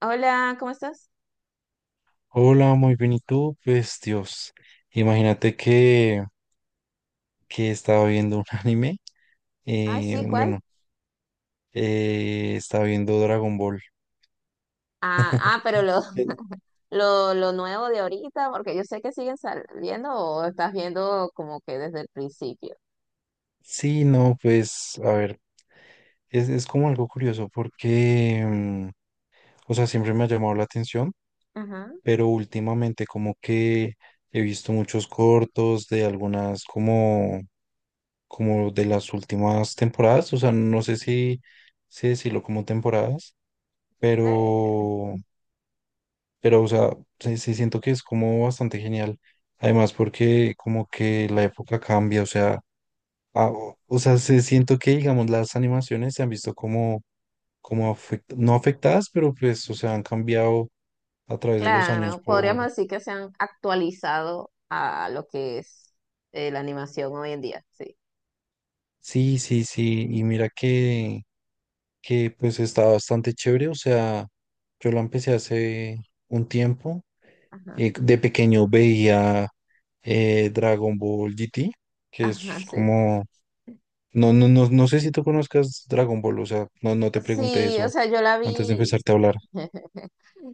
Hola, ¿cómo estás? Hola, muy bien, ¿y tú? Pues Dios, imagínate que estaba viendo un anime, Ah, eh, sí, ¿cuál? bueno, estaba viendo Dragon Ball. Ah, ah, pero lo, Eh, lo nuevo de ahorita, porque yo sé que siguen saliendo o estás viendo como que desde el principio. Sí, no, pues a ver, es como algo curioso porque, o sea, siempre me ha llamado la atención, Ajá. pero últimamente como que he visto muchos cortos de algunas como, como de las últimas temporadas, o sea, no sé si decirlo como temporadas Eh, pero. Pero, o sea, sí siento que es como bastante genial. Además, porque como que la época cambia, o sea, o sea, se siento que, digamos, las animaciones se han visto como, no afectadas, pero pues, o sea, han cambiado a través de los años claro, podríamos por… decir que se han actualizado a lo que es la animación hoy en día, sí. Sí, y mira que pues está bastante chévere, o sea, yo la empecé hace un tiempo, Ajá. De pequeño veía Dragon Ball GT, que Ajá, es sí. como… No, no, no, no sé si tú conozcas Dragon Ball, o sea, no, no te pregunté Sí, o eso sea, yo la antes de vi. empezarte a hablar.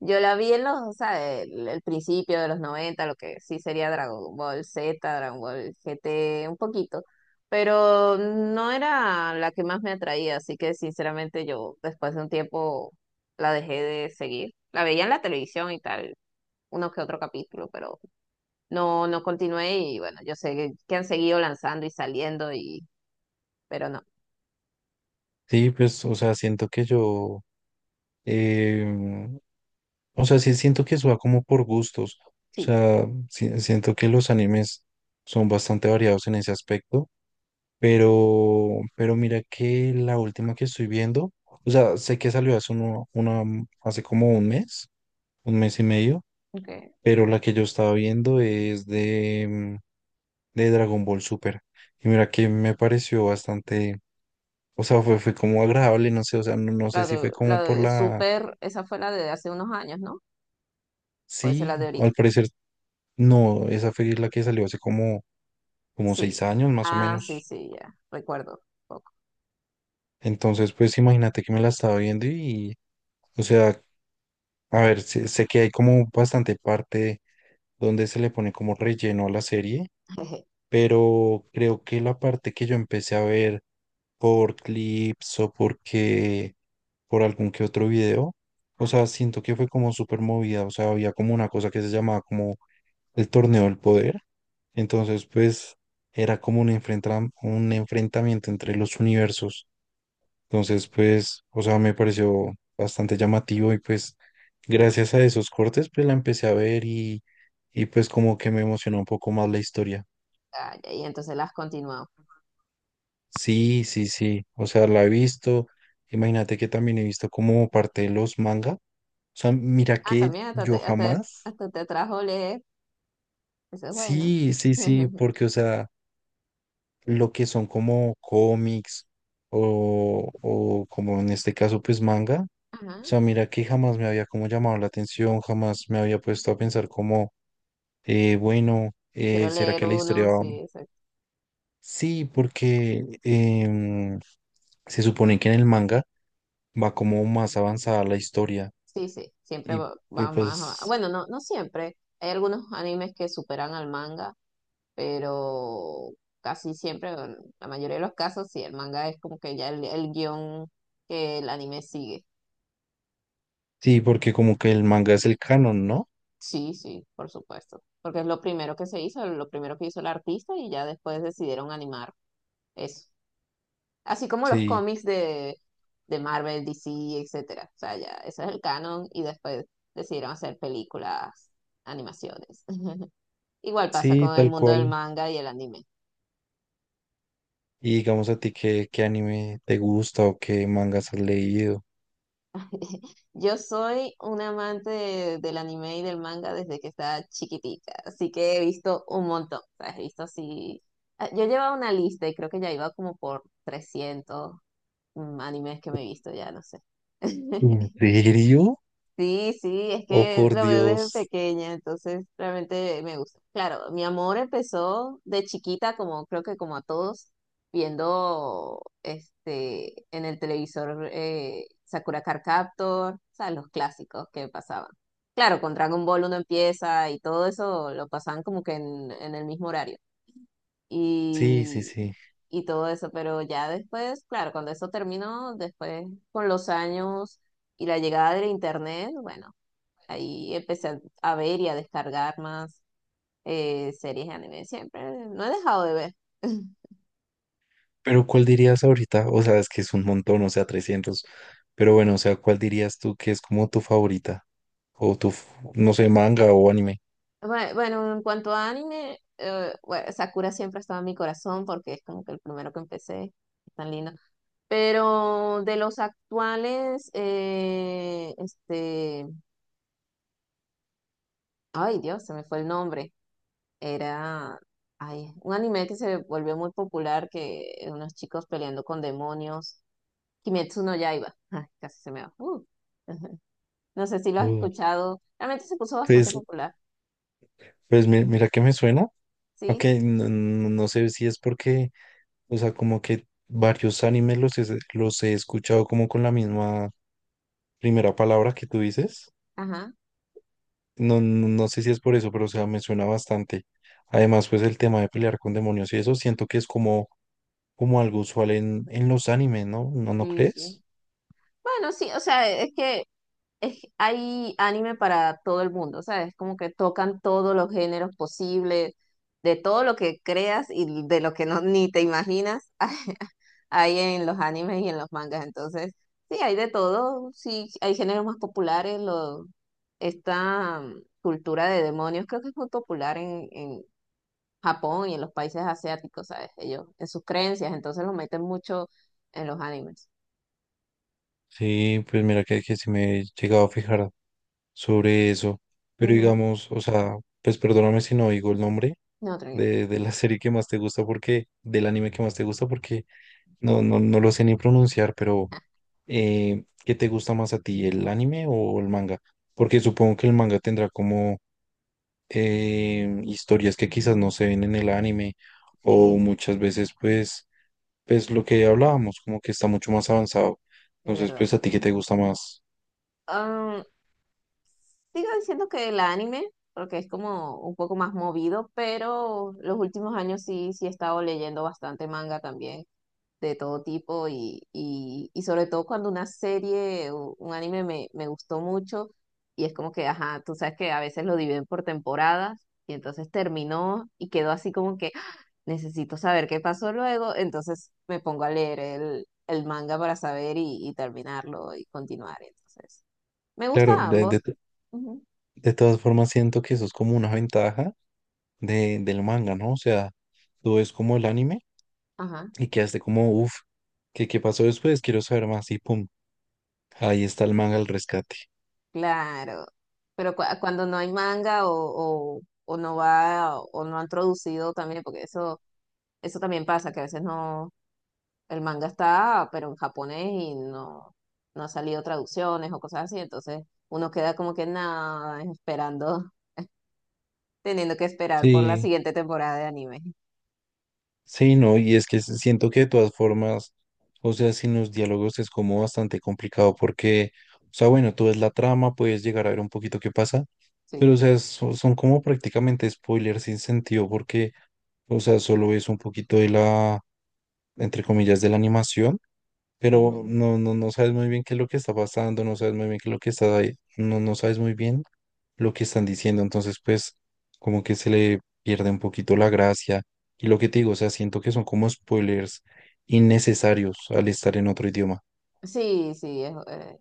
Yo la vi en los, o sea, el principio de los noventa, lo que sí sería Dragon Ball Z, Dragon Ball GT, un poquito, pero no era la que más me atraía, así que sinceramente yo después de un tiempo la dejé de seguir. La veía en la televisión y tal, uno que otro capítulo, pero no, no continué y bueno, yo sé que han seguido lanzando y saliendo y, pero no, Sí, pues, o sea, siento que yo, em, o sea, sí siento que eso va como por gustos, o sí, sea, siento que los animes son bastante variados en ese aspecto, pero mira que la última que estoy viendo, o sea, sé que salió hace hace como 1 mes, 1 mes y medio, ok. pero la que yo estaba viendo es de Dragon Ball Super. Y mira que me pareció bastante, o sea, fue como agradable, no sé, o sea, no, no sé si fue La como por de la, Super, esa fue la de hace unos años, ¿no? O esa es la de sí, al parecer no, esa fue la que salió hace como, como seis sí. años más o Ah, sí, menos. sí, ya. Recuerdo un poco. Entonces, pues imagínate que me la estaba viendo y, o sea, a ver, sé que hay como bastante parte donde se le pone como relleno a la serie, Jeje. pero creo que la parte que yo empecé a ver por clips o porque por algún que otro video. O sea, siento que fue como súper movida. O sea, había como una cosa que se llamaba como el torneo del poder. Entonces, pues era como un enfrentamiento entre los universos. Entonces, pues, o sea, me pareció bastante llamativo y pues gracias a esos cortes, pues la empecé a ver y pues como que me emocionó un poco más la historia. Ah, ya, y entonces las continuamos. Sí, sí, sí. O sea, la he visto. Imagínate que también he visto como parte de los manga. O sea, mira Ah, que también hasta yo te, hasta, jamás. hasta te trajo leer. Eso es bueno. Sí, sí, sí, porque, o sea, lo que son como cómics o como en este caso, pues manga. Ajá. O sea, mira que jamás me había como llamado la atención, jamás me había puesto a pensar como, bueno, Quiero ¿será leer que la historia uno, sí, va? exacto. Sí, porque se supone que en el manga va como más avanzada la historia. Sí, sí. Siempre Y, va, y va más. Pues Bueno, no, no siempre. Hay algunos animes que superan al manga, pero casi siempre, en la mayoría de los casos, sí, el manga es como que ya el guión que el anime sigue. sí, porque como que el manga es el canon, ¿no? Sí, sí, por supuesto, porque es lo primero que se hizo, lo primero que hizo el artista y ya después decidieron animar eso. Así como los Sí, cómics de Marvel, DC, etcétera. O sea, ya, ese es el canon y después decidieron hacer películas, animaciones. Igual pasa sí, con el tal mundo del cual. manga y el anime. Y digamos a ti qué anime te gusta o qué mangas has leído. Yo soy un amante del anime y del manga desde que estaba chiquitica, así que he visto un montón, o sea, he visto así... ah, yo llevaba una lista y creo que ya iba como por 300, animes que me he visto, ya no sé. ¿En serio? Sí, sí, es Oh, que por lo veo desde Dios. pequeña, entonces realmente me gusta. Claro, mi amor empezó de chiquita, como creo que como a todos, viendo este en el televisor, Sakura Card Captor, o sea, los clásicos que pasaban. Claro, con Dragon Ball uno empieza y todo eso lo pasaban como que en el mismo horario. Sí, sí, Y, sí. y todo eso, pero ya después, claro, cuando eso terminó, después con los años y la llegada del internet, bueno, ahí empecé a ver y a descargar más series de anime. Siempre no he dejado de ver. Pero ¿cuál dirías ahorita? O sea, es que es un montón, o sea, 300. Pero bueno, o sea, ¿cuál dirías tú que es como tu favorita? O tu, no sé, manga o anime. Bueno, en cuanto a anime, bueno, Sakura siempre ha estado en mi corazón porque es como que el primero que empecé. Es tan lindo. Pero de los actuales, ay Dios, se me fue el nombre. Era, ay, un anime que se volvió muy popular, que unos chicos peleando con demonios. Kimetsu no Yaiba. Ay, casi se me va. No sé si lo has Uh, escuchado. Realmente se puso bastante pues, popular, pues mira que me suena. Ok, ¿sí? no, no sé si es porque, o sea, como que varios animes los he escuchado como con la misma primera palabra que tú dices. Ajá, No, no, no sé si es por eso, pero o sea, me suena bastante. Además, pues el tema de pelear con demonios y eso siento que es como, como algo usual en los animes, ¿no? ¿No, no sí, crees? sí. Bueno, sí, o sea, hay anime para todo el mundo, ¿sabes? Como que tocan todos los géneros posibles, de todo lo que creas y de lo que no ni te imaginas, hay en los animes y en los mangas. Entonces, sí, hay de todo, sí, hay géneros más populares, lo esta cultura de demonios creo que es muy popular en Japón y en los países asiáticos, ¿sabes? Ellos, en sus creencias, entonces los meten mucho en los animes. Sí, pues mira que sí me he llegado a fijar sobre eso. Pero Ujú. digamos, o sea, pues perdóname si no digo el nombre No, tranquilo. De la serie que más te gusta porque, del anime que más te gusta porque. No, no, no lo sé ni pronunciar, pero Ah, ¿qué te gusta más a ti, el anime o el manga? Porque supongo que el manga tendrá como historias que quizás no se ven en el anime o sí, muchas veces pues, pues lo que hablábamos, como que está mucho más avanzado. es Entonces, verdad. pues a ti, ¿qué te gusta más? Ah, sigo diciendo que el anime, porque es como un poco más movido, pero los últimos años sí, sí he estado leyendo bastante manga también, de todo tipo y sobre todo cuando una serie o un anime me, me gustó mucho y es como que, ajá, tú sabes que a veces lo dividen por temporadas y entonces terminó y quedó así como que ¡ah! Necesito saber qué pasó luego, entonces me pongo a leer el manga para saber y terminarlo y continuar. Entonces, me gusta Claro, ambos. Ujú. de todas formas siento que eso es como una ventaja del manga, ¿no? O sea, tú ves como el anime Ajá, y quedaste como, uff, ¿qué, qué pasó después? Quiero saber más y pum. Ahí está el man al rescate. claro. Pero cuando no hay manga o no va o no han traducido también, porque eso eso también pasa, que a veces no, el manga está, pero en japonés y no, no ha salido traducciones o cosas así, entonces uno queda como que nada, esperando, teniendo que esperar por la Sí, siguiente temporada de anime. sí, no, y es que siento que de todas formas, o sea, sin los diálogos es como bastante complicado porque, o sea, bueno, tú ves la trama, puedes llegar a ver un poquito qué pasa, Sí. pero, o sea, son, como prácticamente spoilers sin sentido porque, o sea, solo ves un poquito de la, entre comillas, de la animación. Pero Ujú. no, no, no sabes muy bien qué es lo que está pasando, no sabes muy bien qué es lo que está ahí, no, no sabes muy bien lo que están diciendo, entonces pues como que se le pierde un poquito la gracia y lo que te digo, o sea, siento que son como spoilers innecesarios al estar en otro idioma. Sí, sí,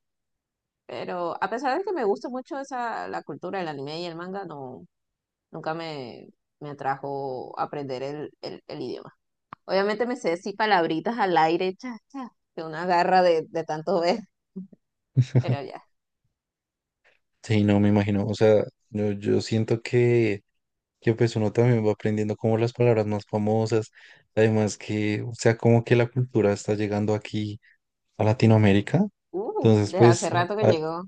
pero a pesar de que me gusta mucho esa, la cultura del anime y el manga, no, nunca me, me atrajo aprender el idioma. Obviamente me sé sí palabritas al aire, cha, cha, que una garra de tanto ver, pero ya. Sí, no me imagino, o sea, yo siento que… que pues uno también va aprendiendo como las palabras más famosas, además que, o sea, como que la cultura está llegando aquí a Latinoamérica, Uf, entonces desde hace pues rato que a- llegó.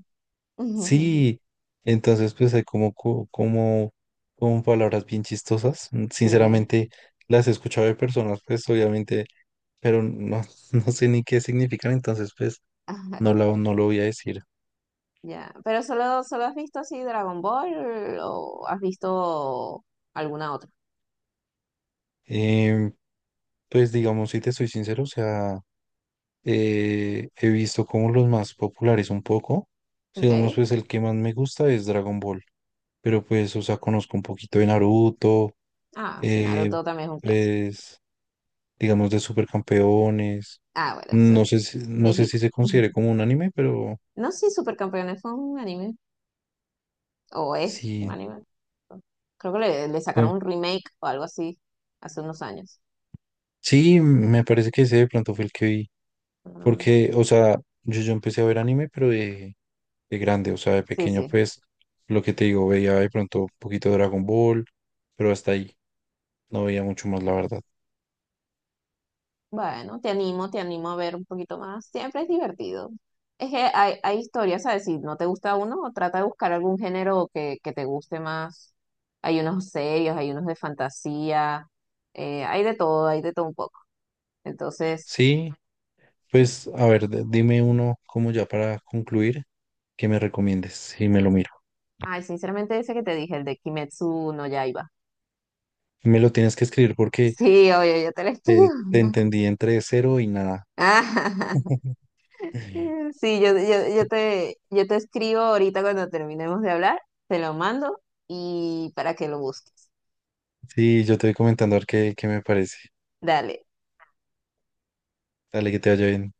sí, entonces pues hay como, como palabras bien chistosas. Mm, Sí, sinceramente las he escuchado de personas pues obviamente, pero no, no sé ni qué significan, entonces pues ajá, no, no lo voy a decir. ya. Pero solo, solo has visto así Dragon Ball o has visto alguna otra. Em, pues digamos, si te soy sincero, o sea… he visto como los más populares un poco. O digamos, Ok. pues el que más me gusta es Dragon Ball. Pero pues, o sea, conozco un poquito de Naruto, Ah, sí, eh, Naruto también es un clásico. pues, digamos, de Supercampeones. Ah, bueno, eso No es sé si, no sé viejito. si se considere como un anime, pero No, sí, Supercampeones fue un anime. O es un sí. anime. Creo que le sacaron no- un remake o algo así hace unos años. sí, me parece que ese de pronto fue el que vi. Ah, Porque, o sea, yo empecé a ver anime, pero de grande, o sea, de sí, pequeño, sí. pues, lo que te digo, veía de pronto un poquito de Dragon Ball, pero hasta ahí. No veía mucho más, la verdad. Bueno, te animo a ver un poquito más. Siempre es divertido. Es que hay historias, ¿sabes? Si no te gusta uno, trata de buscar algún género que te guste más. Hay unos serios, hay unos de fantasía, hay de todo un poco. Entonces, Sí, sí. pues a ver, dime uno como ya para concluir, que me recomiendes y me lo miro. Ay, sinceramente ese que te dije, el de Kimetsu no Yaiba. Me lo tienes que escribir porque Sí, oye, yo te lo escribo. Te entendí entre cero y nada. Ah, sí, yo, yo te escribo ahorita cuando terminemos de hablar, te lo mando y para que lo busques. Sí, yo te voy comentando a ver qué me parece. Dale. Dale, que te vaya bien.